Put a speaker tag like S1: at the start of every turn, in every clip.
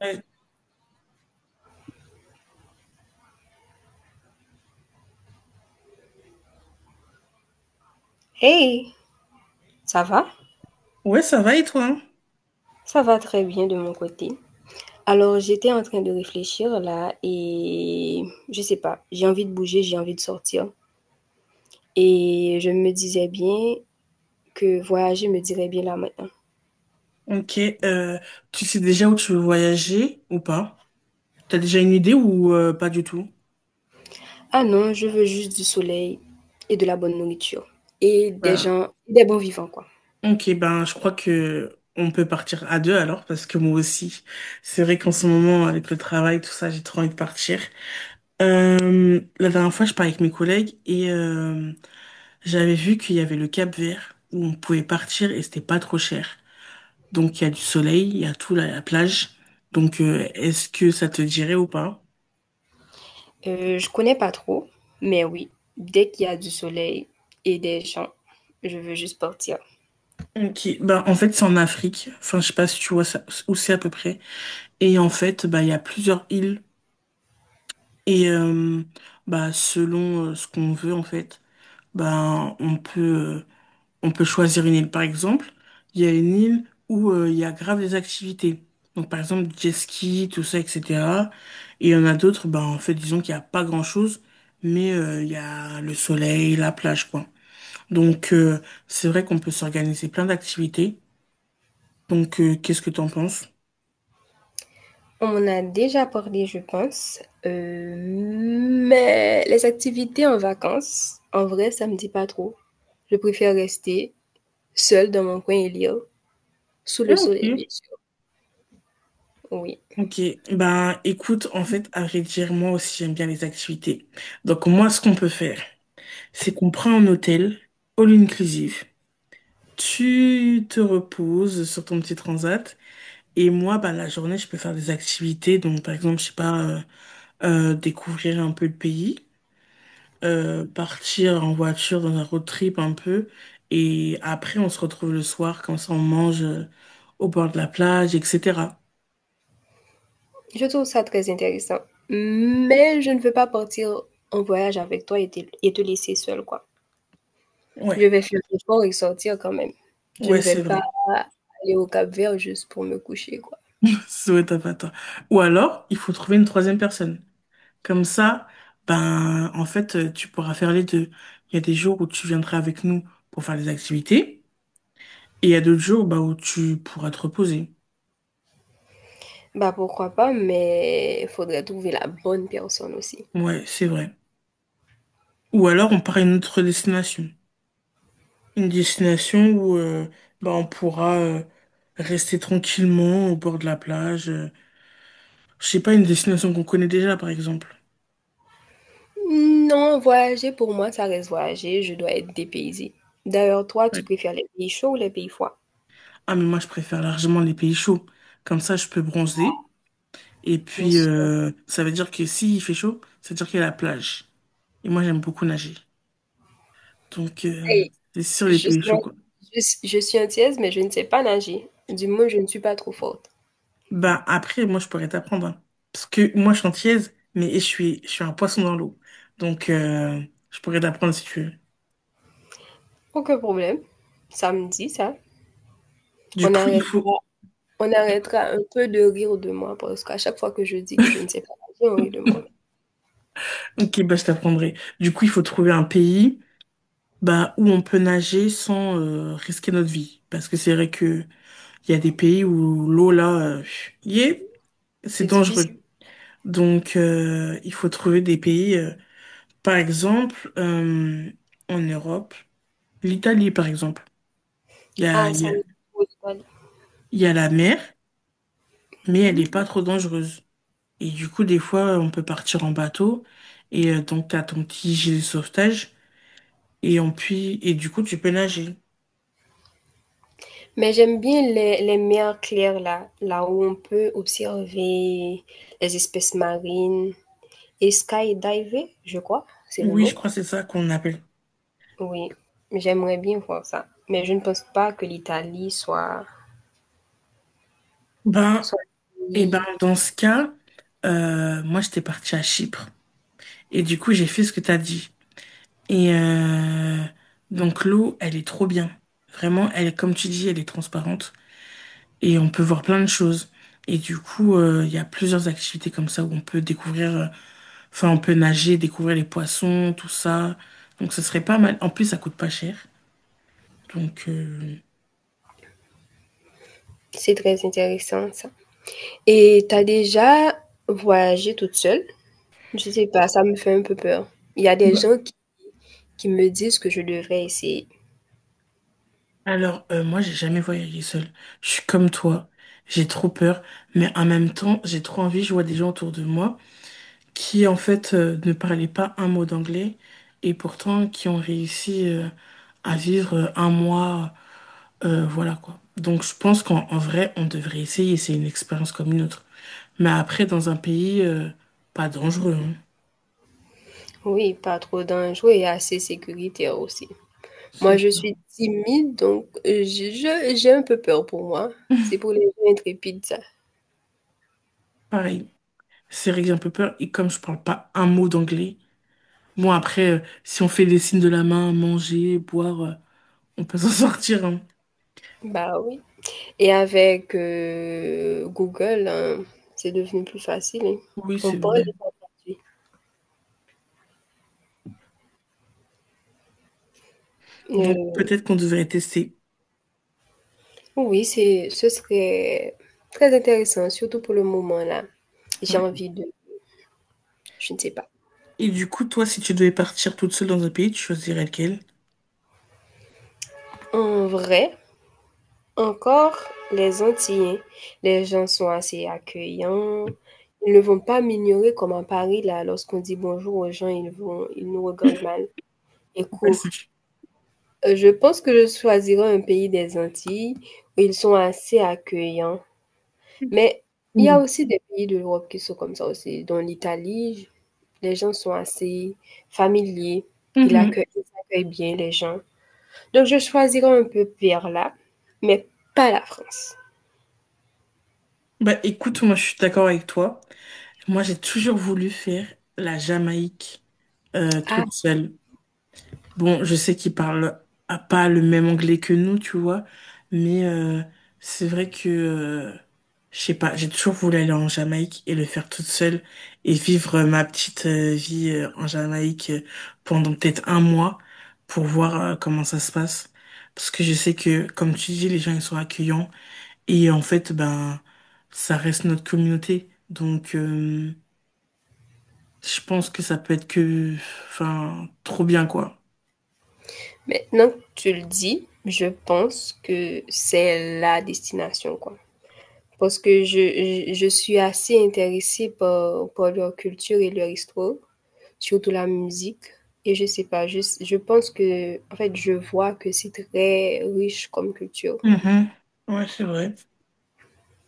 S1: Ouais.
S2: Hey, ça va?
S1: Ouais, ça va et toi? Hein
S2: Ça va très bien de mon côté. Alors, j'étais en train de réfléchir là et je sais pas, j'ai envie de bouger, j'ai envie de sortir. Et je me disais bien que voyager me dirait bien là maintenant.
S1: Ok, euh, tu sais déjà où tu veux voyager ou pas? T'as déjà une idée ou pas du tout?
S2: Ah non, je veux juste du soleil et de la bonne nourriture et des
S1: Ben,
S2: gens, des bons vivants quoi.
S1: ok, ben je crois que on peut partir à deux alors parce que moi aussi, c'est vrai qu'en ce moment avec le travail tout ça, j'ai trop envie de partir. La dernière fois, je parlais avec mes collègues et j'avais vu qu'il y avait le Cap-Vert où on pouvait partir et c'était pas trop cher. Donc il y a du soleil, il y a tout là, la plage. Est-ce que ça te dirait ou pas?
S2: Je connais pas trop, mais oui, dès qu'il y a du soleil et des gens, je veux juste partir.
S1: Ok, bah en fait c'est en Afrique, enfin je sais pas si tu vois ça, où c'est à peu près. Et en fait bah il y a plusieurs îles et bah selon ce qu'on veut en fait, bah on peut choisir une île. Par exemple, il y a une île où il y a grave des activités. Donc par exemple jet ski, tout ça, etc. Et il y en a d'autres, bah en fait disons qu'il y a pas grand-chose, mais il y a le soleil, la plage quoi. Donc euh, c'est vrai qu'on peut s'organiser plein d'activités. Qu'est-ce que t'en penses?
S2: On en a déjà parlé, je pense, mais les activités en vacances, en vrai, ça me dit pas trop. Je préfère rester seule dans mon coin et lire, sous
S1: Ah,
S2: le soleil, bien
S1: ok,
S2: sûr, oui.
S1: ok. Ben, écoute, en fait, à vrai dire, moi aussi, j'aime bien les activités. Donc, moi, ce qu'on peut faire, c'est qu'on prend un hôtel, all inclusive. Tu te reposes sur ton petit transat. Et moi, ben, la journée, je peux faire des activités. Donc, par exemple, je sais pas, découvrir un peu le pays, partir en voiture dans un road trip un peu. Et après, on se retrouve le soir, comme ça, on mange au bord de la plage, etc.
S2: Je trouve ça très intéressant, mais je ne veux pas partir en voyage avec toi et te laisser seule, quoi.
S1: Ouais,
S2: Je vais faire l'effort et sortir quand même. Je
S1: ouais,
S2: ne vais
S1: c'est
S2: pas
S1: vrai.
S2: aller au Cap-Vert juste pour me coucher, quoi.
S1: Souhaite à pas toi. Ou alors, il faut trouver une troisième personne. Comme ça, ben, en fait, tu pourras faire les deux. Il y a des jours où tu viendras avec nous pour faire les activités, et il y a d'autres jours, bah, où tu pourras te reposer.
S2: Bah, pourquoi pas, mais il faudrait trouver la bonne personne aussi.
S1: Ouais, c'est vrai. Ou alors, on part à une autre destination. Une destination où, bah, on pourra, rester tranquillement au bord de la plage. Je sais pas, une destination qu'on connaît déjà, par exemple.
S2: Non, voyager pour moi, ça reste voyager. Je dois être dépaysée. D'ailleurs, toi,
S1: Ouais.
S2: tu préfères les pays chauds ou les pays froids?
S1: Ah, mais moi, je préfère largement les pays chauds. Comme ça, je peux bronzer. Et
S2: Bien
S1: puis,
S2: sûr.
S1: ça veut dire que s'il fait chaud, ça veut dire qu'il y a la plage. Et moi, j'aime beaucoup nager. Donc, euh,
S2: Hey,
S1: c'est sur
S2: je
S1: les pays
S2: suis, un-
S1: chauds, quoi.
S2: je suis antillaise, mais je ne sais pas nager. Du moins, je ne suis pas trop forte.
S1: Bah, après, moi, je pourrais t'apprendre, hein. Parce que moi, je suis antillaise, mais je suis un poisson dans l'eau. Donc, euh, je pourrais t'apprendre si tu veux.
S2: Aucun problème. Ça me dit ça.
S1: Du
S2: On
S1: coup, il
S2: arrêtera,
S1: faut...
S2: on arrêtera un peu de rire de moi parce qu'à chaque fois que je dis que je ne sais pas nager, on rit de moi.
S1: Ok, bah, je t'apprendrai. Du coup, il faut trouver un pays bah, où on peut nager sans risquer notre vie. Parce que c'est vrai que il y a des pays où l'eau, là, euh, yeah, c'est
S2: C'est
S1: dangereux.
S2: difficile.
S1: Donc, il faut trouver des pays, par exemple, en Europe, l'Italie, par exemple. Il y a,
S2: Ah,
S1: il y
S2: ça
S1: a,
S2: me pose mal.
S1: il y a la mer, mais elle n'est
S2: Hmm.
S1: pas trop dangereuse. Et du coup, des fois, on peut partir en bateau, et donc, tu as ton petit gilet de sauvetage, et du coup, tu peux nager.
S2: Mais j'aime bien les mers claires là où on peut observer les espèces marines et skydiver, je crois, c'est le
S1: Oui, je
S2: mot.
S1: crois que c'est ça qu'on appelle.
S2: Oui, j'aimerais bien voir ça. Mais je ne pense pas que l'Italie soit,
S1: Ben,
S2: soit un
S1: et ben,
S2: pays.
S1: dans ce cas, moi, j'étais partie à Chypre. Et du coup, j'ai fait ce que t'as dit. Et euh, donc l'eau, elle est trop bien. Vraiment, elle est, comme tu dis, elle est transparente et on peut voir plein de choses. Et du coup, il y a plusieurs activités comme ça où on peut découvrir, enfin, on peut nager, découvrir les poissons, tout ça. Donc ce serait pas mal. En plus, ça coûte pas cher. Donc, euh,
S2: C'est très intéressant ça. Et t'as déjà voyagé toute seule? Je sais pas, ça me fait un peu peur. Il y a des
S1: Bah,
S2: gens qui me disent que je devrais essayer.
S1: alors, moi, j'ai jamais voyagé seule. Je suis comme toi. J'ai trop peur, mais en même temps, j'ai trop envie. Je vois des gens autour de moi qui en fait ne parlaient pas un mot d'anglais et pourtant qui ont réussi à vivre un mois, voilà quoi. Donc je pense qu'en en vrai, on devrait essayer, c'est une expérience comme une autre. Mais après, dans un pays pas dangereux, hein.
S2: Oui, pas trop dangereux et assez sécuritaire aussi.
S1: C'est
S2: Moi, je
S1: ça.
S2: suis timide, donc je j'ai un peu peur pour moi. C'est pour les gens intrépides, ça.
S1: Pareil, c'est vrai que j'ai un peu peur et comme je parle pas un mot d'anglais, bon après, si on fait des signes de la main, manger, boire, on peut s'en sortir, hein.
S2: Bah, oui et avec, Google, hein, c'est devenu plus facile, hein.
S1: Oui,
S2: On
S1: c'est
S2: parle et
S1: vrai.
S2: ça traduit.
S1: Donc
S2: Heu,
S1: peut-être qu'on devrait tester.
S2: oui, c'est ce serait très intéressant, surtout pour le moment, là. J'ai
S1: Ouais.
S2: envie de je ne sais pas.
S1: Et du coup, toi, si tu devais partir toute seule dans un pays, tu choisirais lequel?
S2: En vrai. Encore, les Antillais, les gens sont assez accueillants. Ils ne vont pas m'ignorer comme à Paris, là, lorsqu'on dit bonjour aux gens, ils nous regardent mal et
S1: Ouais,
S2: courent.
S1: c'est-
S2: Je pense que je choisirais un pays des Antilles où ils sont assez accueillants. Mais il y a
S1: Mhm.
S2: aussi des pays de l'Europe qui sont comme ça aussi, dont l'Italie. Les gens sont assez familiers. Ils
S1: Mhm.
S2: accueillent, ils accueillent bien les gens. Donc, je choisirais un peu vers là, mais pas la France.
S1: Bah écoute, moi je suis d'accord avec toi. Moi j'ai toujours voulu faire la Jamaïque toute seule. Bon, je sais qu'ils parlent à pas le même anglais que nous, tu vois, mais c'est vrai que, je sais pas, j'ai toujours voulu aller en Jamaïque et le faire toute seule et vivre ma petite vie en Jamaïque pendant peut-être un mois pour voir comment ça se passe. Parce que je sais que, comme tu dis, les gens, ils sont accueillants et en fait, ben, ça reste notre communauté. Donc, je pense que ça peut être que, enfin, trop bien, quoi.
S2: Maintenant que tu le dis, je pense que c'est la destination, quoi. Parce que je suis assez intéressée par leur culture et leur histoire, surtout la musique. Et je sais pas, je pense que, en fait, je vois que c'est très riche comme culture.
S1: Mhm. Ouais, c'est vrai.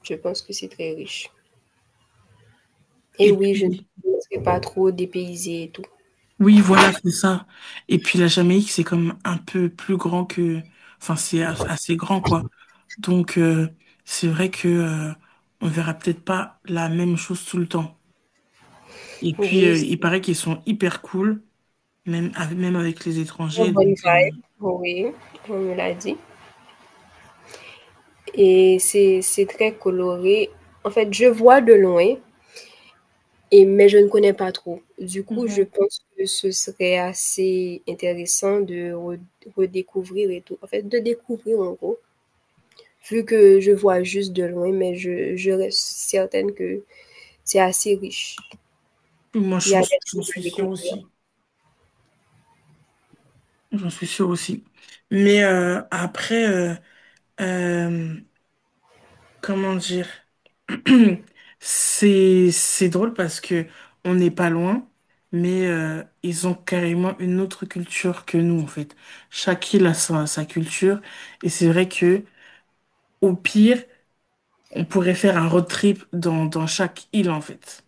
S2: Je pense que c'est très riche. Et
S1: Et
S2: oui, je ne
S1: puis,
S2: serai pas trop dépaysée et tout.
S1: oui, voilà, c'est ça. Et puis la Jamaïque, c'est comme un peu plus grand que... Enfin, c'est as- assez grand, quoi. Donc, c'est vrai que on verra peut-être pas la même chose tout le temps. Et puis,
S2: Oui,
S1: il
S2: c'est
S1: paraît qu'ils sont hyper cool, même avec les
S2: très
S1: étrangers.
S2: bonne vibe. Oui, on me l'a dit. Et c'est très coloré. En fait, je vois de loin. Et mais je ne connais pas trop. Du coup, je
S1: Mhm.
S2: pense que ce serait assez intéressant de re redécouvrir et tout. En fait, de découvrir en gros, vu que je vois juste de loin, mais je reste certaine que c'est assez riche.
S1: Moi,
S2: Il y a
S1: j'en
S2: des
S1: j'en
S2: trucs
S1: suis
S2: à
S1: sûre
S2: découvrir.
S1: aussi. J'en suis sûre aussi. Mais euh, Comment dire? C'est drôle parce que on n'est pas loin, mais ils ont carrément une autre culture que nous en fait. Chaque île a sa culture et c'est vrai que au pire, on pourrait faire un road trip dans chaque île en fait.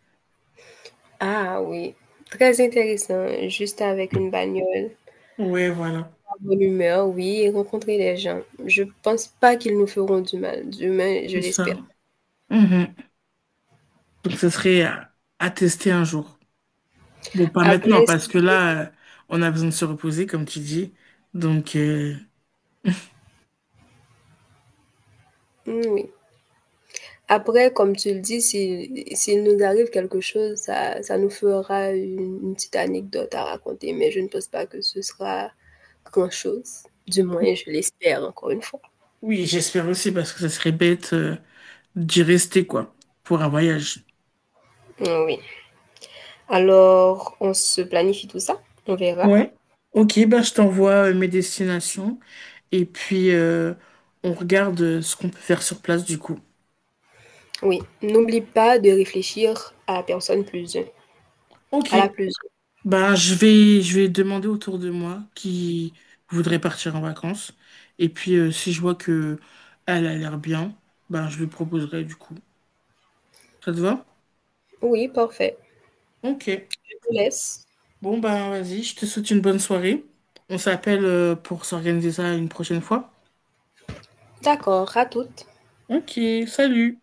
S2: Ah oui, très intéressant, juste avec une bagnole,
S1: Ouais, voilà,
S2: la bonne humeur, oui, et rencontrer les gens. Je pense pas qu'ils nous feront du mal, du moins je
S1: c'est ça.
S2: l'espère.
S1: Mhm. Donc ce serait à tester un jour. Bon, pas maintenant
S2: Après si
S1: parce que là, on a besoin de se reposer comme tu dis. Donc euh,
S2: mmh, oui. Après, comme tu le dis, si s'il nous arrive quelque chose, ça nous fera une petite anecdote à raconter, mais je ne pense pas que ce sera grand-chose. Du moins, je l'espère encore une fois.
S1: oui, j'espère aussi parce que ça serait bête, d'y rester, quoi, pour un voyage.
S2: Mmh, oui. Alors, on se planifie tout ça, on verra.
S1: Ouais. Ok, bah, je t'envoie mes destinations et puis on regarde ce qu'on peut faire sur place du coup.
S2: Oui, n'oublie pas de réfléchir à la personne plus 1,
S1: Ok,
S2: à la plus 1.
S1: bah, je vais demander autour de moi qui voudrait partir en vacances. Et puis si je vois que elle a l'air bien, bah, je lui proposerai du coup. Ça te va?
S2: Oui, parfait.
S1: Ok,
S2: Je te laisse.
S1: bon, bah, vas-y, je te souhaite une bonne soirée. On s'appelle pour s'organiser ça une prochaine fois.
S2: D'accord, à toutes.
S1: Ok, salut!